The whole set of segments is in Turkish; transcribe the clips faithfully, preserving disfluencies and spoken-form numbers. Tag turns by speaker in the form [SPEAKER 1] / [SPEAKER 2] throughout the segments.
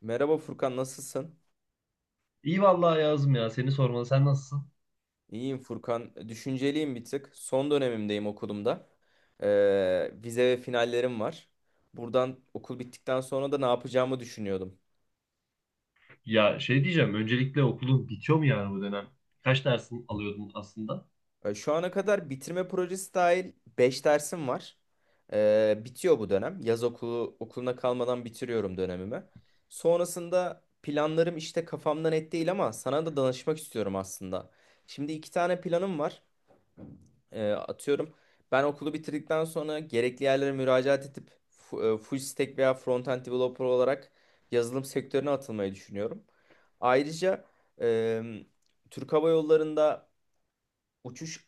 [SPEAKER 1] Merhaba Furkan, nasılsın?
[SPEAKER 2] İyi vallahi yazdım ya. Seni sormalı. Sen nasılsın?
[SPEAKER 1] İyiyim Furkan. Düşünceliyim bir tık. Son dönemimdeyim okulumda. Ee, vize ve finallerim var. Buradan okul bittikten sonra da ne yapacağımı düşünüyordum.
[SPEAKER 2] Ya şey diyeceğim. Öncelikle okulun bitiyor mu yani bu dönem? Kaç dersin alıyordun aslında?
[SPEAKER 1] Ee, şu ana kadar bitirme projesi dahil beş dersim var. Ee, bitiyor bu dönem. Yaz okulu okuluna kalmadan bitiriyorum dönemimi. Sonrasında planlarım işte kafamda net değil ama sana da danışmak istiyorum aslında. Şimdi iki tane planım var. E, atıyorum ben okulu bitirdikten sonra gerekli yerlere müracaat edip fu- e, full stack veya front-end developer olarak yazılım sektörüne atılmayı düşünüyorum. Ayrıca e, Türk Hava Yolları'nda uçuş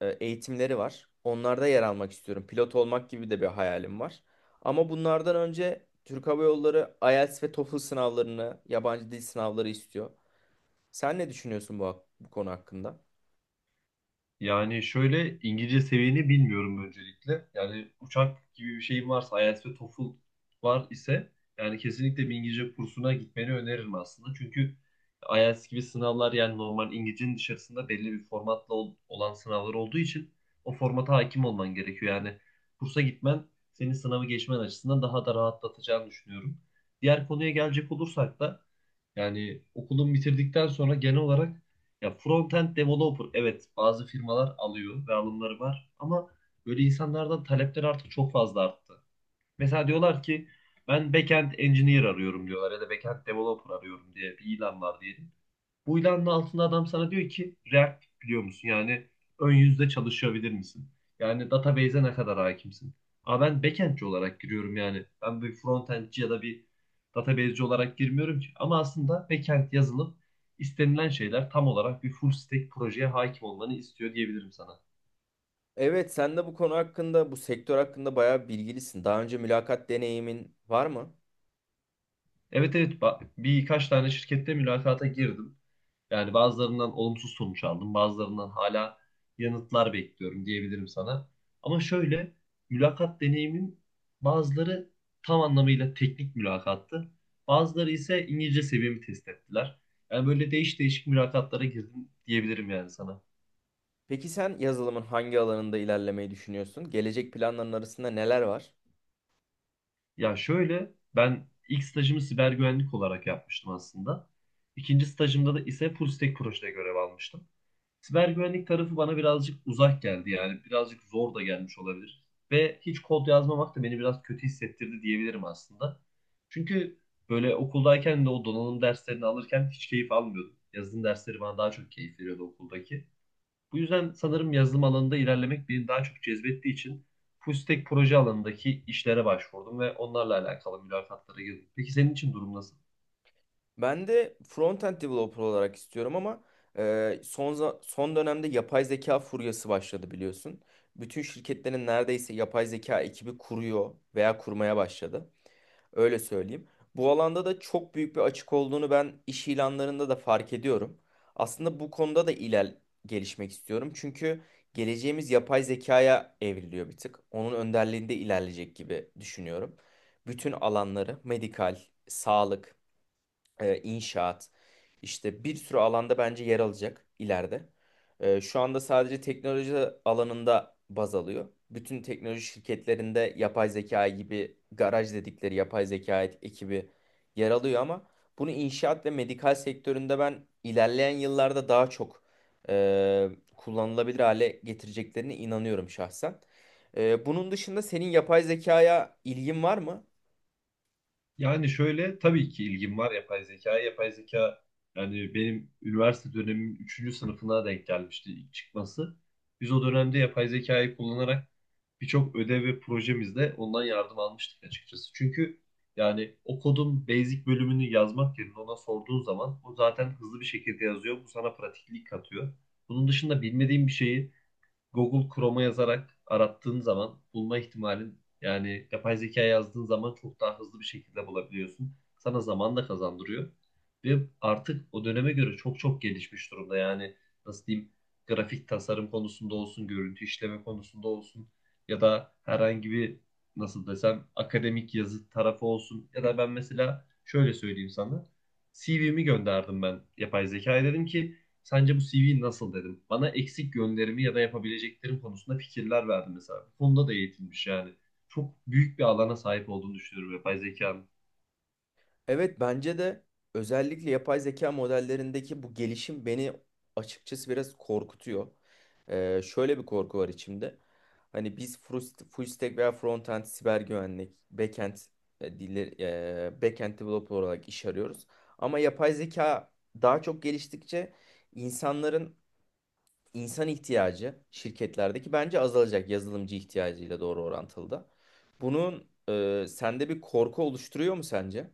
[SPEAKER 1] e, eğitimleri var. Onlarda yer almak istiyorum. Pilot olmak gibi de bir hayalim var. Ama bunlardan önce Türk Hava Yolları IELTS ve TOEFL sınavlarını, yabancı dil sınavları istiyor. Sen ne düşünüyorsun bu, hak- bu konu hakkında?
[SPEAKER 2] Yani şöyle İngilizce seviyeni bilmiyorum öncelikle. Yani uçak gibi bir şeyin varsa ayelts ve TOEFL var ise yani kesinlikle bir İngilizce kursuna gitmeni öneririm aslında. Çünkü ayelts gibi sınavlar yani normal İngilizcenin dışarısında belli bir formatla ol- olan sınavlar olduğu için o formata hakim olman gerekiyor. Yani kursa gitmen senin sınavı geçmen açısından daha da rahatlatacağını düşünüyorum. Diğer konuya gelecek olursak da yani okulun bitirdikten sonra genel olarak ya front-end developer, evet, bazı firmalar alıyor ve alımları var ama böyle insanlardan talepler artık çok fazla arttı. Mesela diyorlar ki ben back-end engineer arıyorum diyorlar ya da back-end developer arıyorum diye bir ilan var diyelim. Bu ilanın altında adam sana diyor ki React biliyor musun? Yani ön yüzde çalışabilir misin? Yani database'e ne kadar hakimsin? Ama ben backend'ci olarak giriyorum yani. Ben bir frontend'ci ya da bir database'ci olarak girmiyorum ki. Ama aslında backend yazılım istenilen şeyler tam olarak bir full stack projeye hakim olmanı istiyor diyebilirim sana.
[SPEAKER 1] Evet, sen de bu konu hakkında, bu sektör hakkında bayağı bilgilisin. Daha önce mülakat deneyimin var mı?
[SPEAKER 2] Evet, evet, ba- birkaç tane şirkette mülakata girdim. Yani bazılarından olumsuz sonuç aldım. Bazılarından hala yanıtlar bekliyorum diyebilirim sana. Ama şöyle mülakat deneyimin, bazıları tam anlamıyla teknik mülakattı. Bazıları ise İngilizce seviyemi test ettiler. Yani böyle değiş değişik mülakatlara girdim diyebilirim yani sana.
[SPEAKER 1] Peki sen yazılımın hangi alanında ilerlemeyi düşünüyorsun? Gelecek planların arasında neler var?
[SPEAKER 2] Ya şöyle ben ilk stajımı siber güvenlik olarak yapmıştım aslında. İkinci stajımda da ise full stack projede görev almıştım. Siber güvenlik tarafı bana birazcık uzak geldi yani birazcık zor da gelmiş olabilir. Ve hiç kod yazmamak da beni biraz kötü hissettirdi diyebilirim aslında. Çünkü böyle okuldayken de o donanım derslerini alırken hiç keyif almıyordum. Yazılım dersleri bana daha çok keyif veriyordu okuldaki. Bu yüzden sanırım yazılım alanında ilerlemek beni daha çok cezbettiği için full stack proje alanındaki işlere başvurdum ve onlarla alakalı mülakatlara girdim. Peki senin için durum nasıl?
[SPEAKER 1] Ben de front-end developer olarak istiyorum ama e, son za- son dönemde yapay zeka furyası başladı biliyorsun. Bütün şirketlerin neredeyse yapay zeka ekibi kuruyor veya kurmaya başladı. Öyle söyleyeyim. Bu alanda da çok büyük bir açık olduğunu ben iş ilanlarında da fark ediyorum. Aslında bu konuda da iler gelişmek istiyorum. Çünkü geleceğimiz yapay zekaya evriliyor bir tık. Onun önderliğinde ilerleyecek gibi düşünüyorum. Bütün alanları, medikal, sağlık, e, inşaat işte bir sürü alanda bence yer alacak ileride. E, şu anda sadece teknoloji alanında baz alıyor. Bütün teknoloji şirketlerinde yapay zeka gibi garaj dedikleri yapay zeka et- ekibi yer alıyor ama bunu inşaat ve medikal sektöründe ben ilerleyen yıllarda daha çok e, kullanılabilir hale getireceklerine inanıyorum şahsen. E, bunun dışında senin yapay zekaya ilgin var mı?
[SPEAKER 2] Yani şöyle tabii ki ilgim var yapay zekaya. Yapay zeka yani benim üniversite dönemimin üçüncü sınıfına denk gelmişti ilk çıkması. Biz o dönemde yapay zekayı kullanarak birçok ödev ve projemizde ondan yardım almıştık açıkçası. Çünkü yani o kodun basic bölümünü yazmak yerine ona sorduğun zaman o zaten hızlı bir şekilde yazıyor. Bu sana pratiklik katıyor. Bunun dışında bilmediğin bir şeyi Google Chrome'a yazarak arattığın zaman bulma ihtimalin yani yapay zeka yazdığın zaman çok daha hızlı bir şekilde bulabiliyorsun. Sana zaman da kazandırıyor. Ve artık o döneme göre çok çok gelişmiş durumda. Yani nasıl diyeyim, grafik tasarım konusunda olsun, görüntü işleme konusunda olsun ya da herhangi bir nasıl desem akademik yazı tarafı olsun ya da ben mesela şöyle söyleyeyim sana. si vimi gönderdim ben yapay zekaya, dedim ki sence bu si vi nasıl, dedim. Bana eksik yönlerimi ya da yapabileceklerim konusunda fikirler verdi mesela. Bu konuda da eğitilmiş yani. Çok büyük bir alana sahip olduğunu düşünüyorum yapay zekanın.
[SPEAKER 1] Evet bence de özellikle yapay zeka modellerindeki bu gelişim beni açıkçası biraz korkutuyor. Ee, şöyle bir korku var içimde. Hani biz frust- full stack veya frontend siber güvenlik, backend e, dilleri, e, backend developer olarak iş arıyoruz. Ama yapay zeka daha çok geliştikçe insanların insan ihtiyacı şirketlerdeki bence azalacak, yazılımcı ihtiyacıyla doğru orantılı da. Bunun e, sende bir korku oluşturuyor mu sence?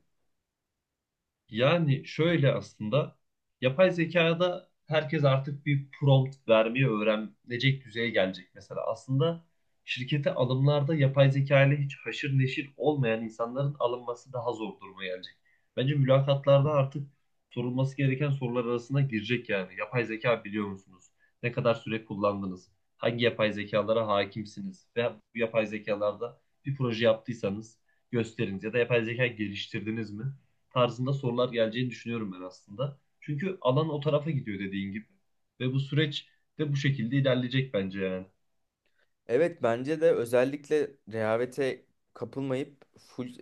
[SPEAKER 2] Yani şöyle aslında yapay zekada herkes artık bir prompt vermeyi öğrenecek düzeye gelecek mesela. Aslında şirkete alımlarda yapay zeka ile hiç haşır neşir olmayan insanların alınması daha zor duruma gelecek. Bence mülakatlarda artık sorulması gereken sorular arasına girecek yani. Yapay zeka biliyor musunuz? Ne kadar süre kullandınız? Hangi yapay zekalara hakimsiniz? Ve bu yapay zekalarda bir proje yaptıysanız gösteriniz ya da yapay zeka geliştirdiniz mi tarzında sorular geleceğini düşünüyorum ben aslında. Çünkü alan o tarafa gidiyor dediğin gibi. Ve bu süreç de bu şekilde ilerleyecek bence yani.
[SPEAKER 1] Evet bence de özellikle rehavete kapılmayıp full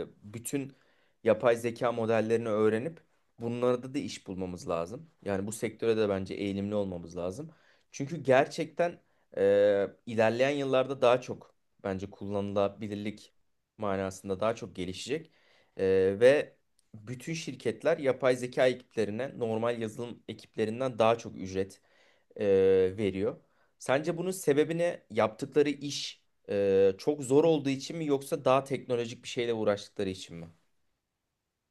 [SPEAKER 1] e, bütün yapay zeka modellerini öğrenip bunlarda da iş bulmamız lazım. Yani bu sektöre de bence eğilimli olmamız lazım. Çünkü gerçekten e, ilerleyen yıllarda daha çok bence kullanılabilirlik manasında daha çok gelişecek. E, ve bütün şirketler yapay zeka ekiplerine normal yazılım ekiplerinden daha çok ücret e, veriyor. Sence bunun sebebi ne? Yaptıkları iş e, çok zor olduğu için mi yoksa daha teknolojik bir şeyle uğraştıkları için mi?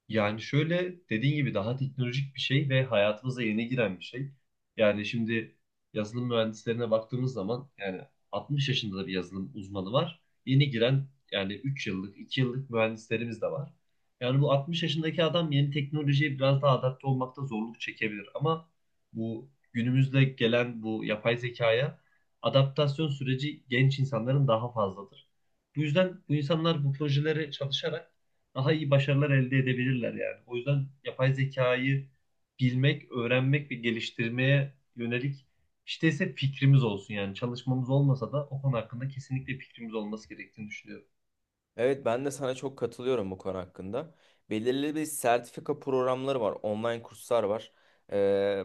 [SPEAKER 2] Yani şöyle dediğin gibi daha teknolojik bir şey ve hayatımıza yeni giren bir şey. Yani şimdi yazılım mühendislerine baktığımız zaman yani altmış yaşında da bir yazılım uzmanı var. Yeni giren yani üç yıllık, iki yıllık mühendislerimiz de var. Yani bu altmış yaşındaki adam yeni teknolojiye biraz daha adapte olmakta zorluk çekebilir ama bu günümüzde gelen bu yapay zekaya adaptasyon süreci genç insanların daha fazladır. Bu yüzden bu insanlar bu projelere çalışarak daha iyi başarılar elde edebilirler yani. O yüzden yapay zekayı bilmek, öğrenmek ve geliştirmeye yönelik işte ise fikrimiz olsun yani çalışmamız olmasa da o konu hakkında kesinlikle fikrimiz olması gerektiğini düşünüyorum.
[SPEAKER 1] Evet ben de sana çok katılıyorum bu konu hakkında. Belirli bir sertifika programları var, online kurslar var. Ee,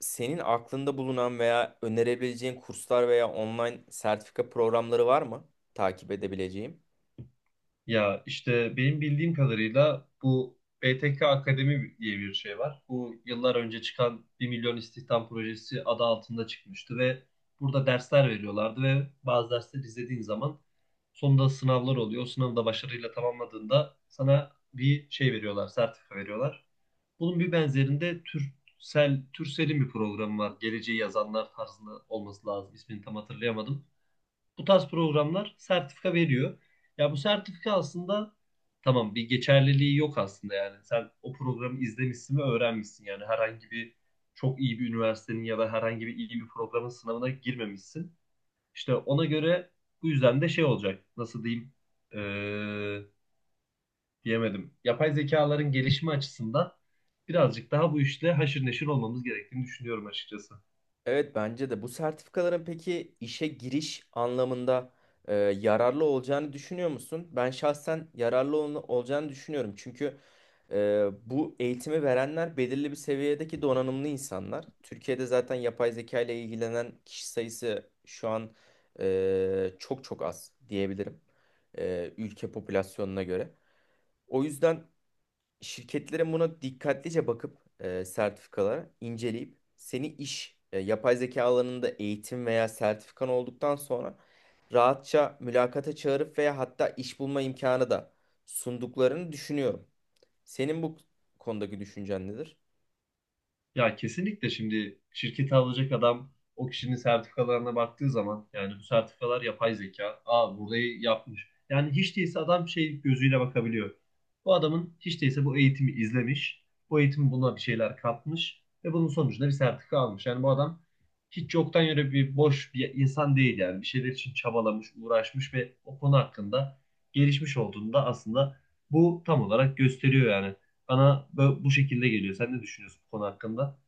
[SPEAKER 1] Senin aklında bulunan veya önerebileceğin kurslar veya online sertifika programları var mı takip edebileceğim?
[SPEAKER 2] Ya işte benim bildiğim kadarıyla bu B T K Akademi diye bir şey var. Bu yıllar önce çıkan bir milyon istihdam projesi adı altında çıkmıştı ve burada dersler veriyorlardı ve bazı dersleri izlediğin zaman sonunda sınavlar oluyor. O sınavı da başarıyla tamamladığında sana bir şey veriyorlar, sertifika veriyorlar. Bunun bir benzerinde Türsel, Türsel'in bir programı var. Geleceği yazanlar tarzında olması lazım. İsmini tam hatırlayamadım. Bu tarz programlar sertifika veriyor. Ya bu sertifika aslında tamam bir geçerliliği yok aslında yani. Sen o programı izlemişsin ve öğrenmişsin yani. Herhangi bir çok iyi bir üniversitenin ya da herhangi bir iyi bir programın sınavına girmemişsin. İşte ona göre bu yüzden de şey olacak. Nasıl diyeyim? Ee, Diyemedim. Yapay zekaların gelişimi açısından birazcık daha bu işle haşır neşir olmamız gerektiğini düşünüyorum açıkçası.
[SPEAKER 1] Evet bence de bu sertifikaların peki işe giriş anlamında e, yararlı olacağını düşünüyor musun? Ben şahsen yararlı ol- olacağını düşünüyorum. Çünkü e, bu eğitimi verenler belirli bir seviyedeki donanımlı insanlar. Türkiye'de zaten yapay zeka ile ilgilenen kişi sayısı şu an e, çok çok az diyebilirim. E, ülke popülasyonuna göre. O yüzden şirketlerin buna dikkatlice bakıp e, sertifikalara inceleyip seni iş e, yapay zeka alanında eğitim veya sertifikan olduktan sonra rahatça mülakata çağırıp veya hatta iş bulma imkanı da sunduklarını düşünüyorum. Senin bu konudaki düşüncen nedir?
[SPEAKER 2] Ya kesinlikle şimdi şirketi alacak adam o kişinin sertifikalarına baktığı zaman yani bu sertifikalar yapay zeka. Aa, burayı yapmış. Yani hiç değilse adam şey gözüyle bakabiliyor. Bu adamın hiç değilse bu eğitimi izlemiş. Bu eğitim buna bir şeyler katmış ve bunun sonucunda bir sertifika almış. Yani bu adam hiç yoktan yere bir boş bir insan değil yani. Bir şeyler için çabalamış, uğraşmış ve o konu hakkında gelişmiş olduğunu da aslında bu tam olarak gösteriyor yani. Bana bö- bu şekilde geliyor. Sen ne düşünüyorsun bu konu hakkında?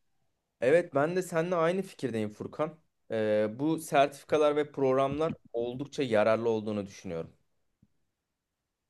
[SPEAKER 1] Evet ben de seninle aynı fikirdeyim Furkan. E, bu sertifikalar ve programlar oldukça yararlı olduğunu düşünüyorum.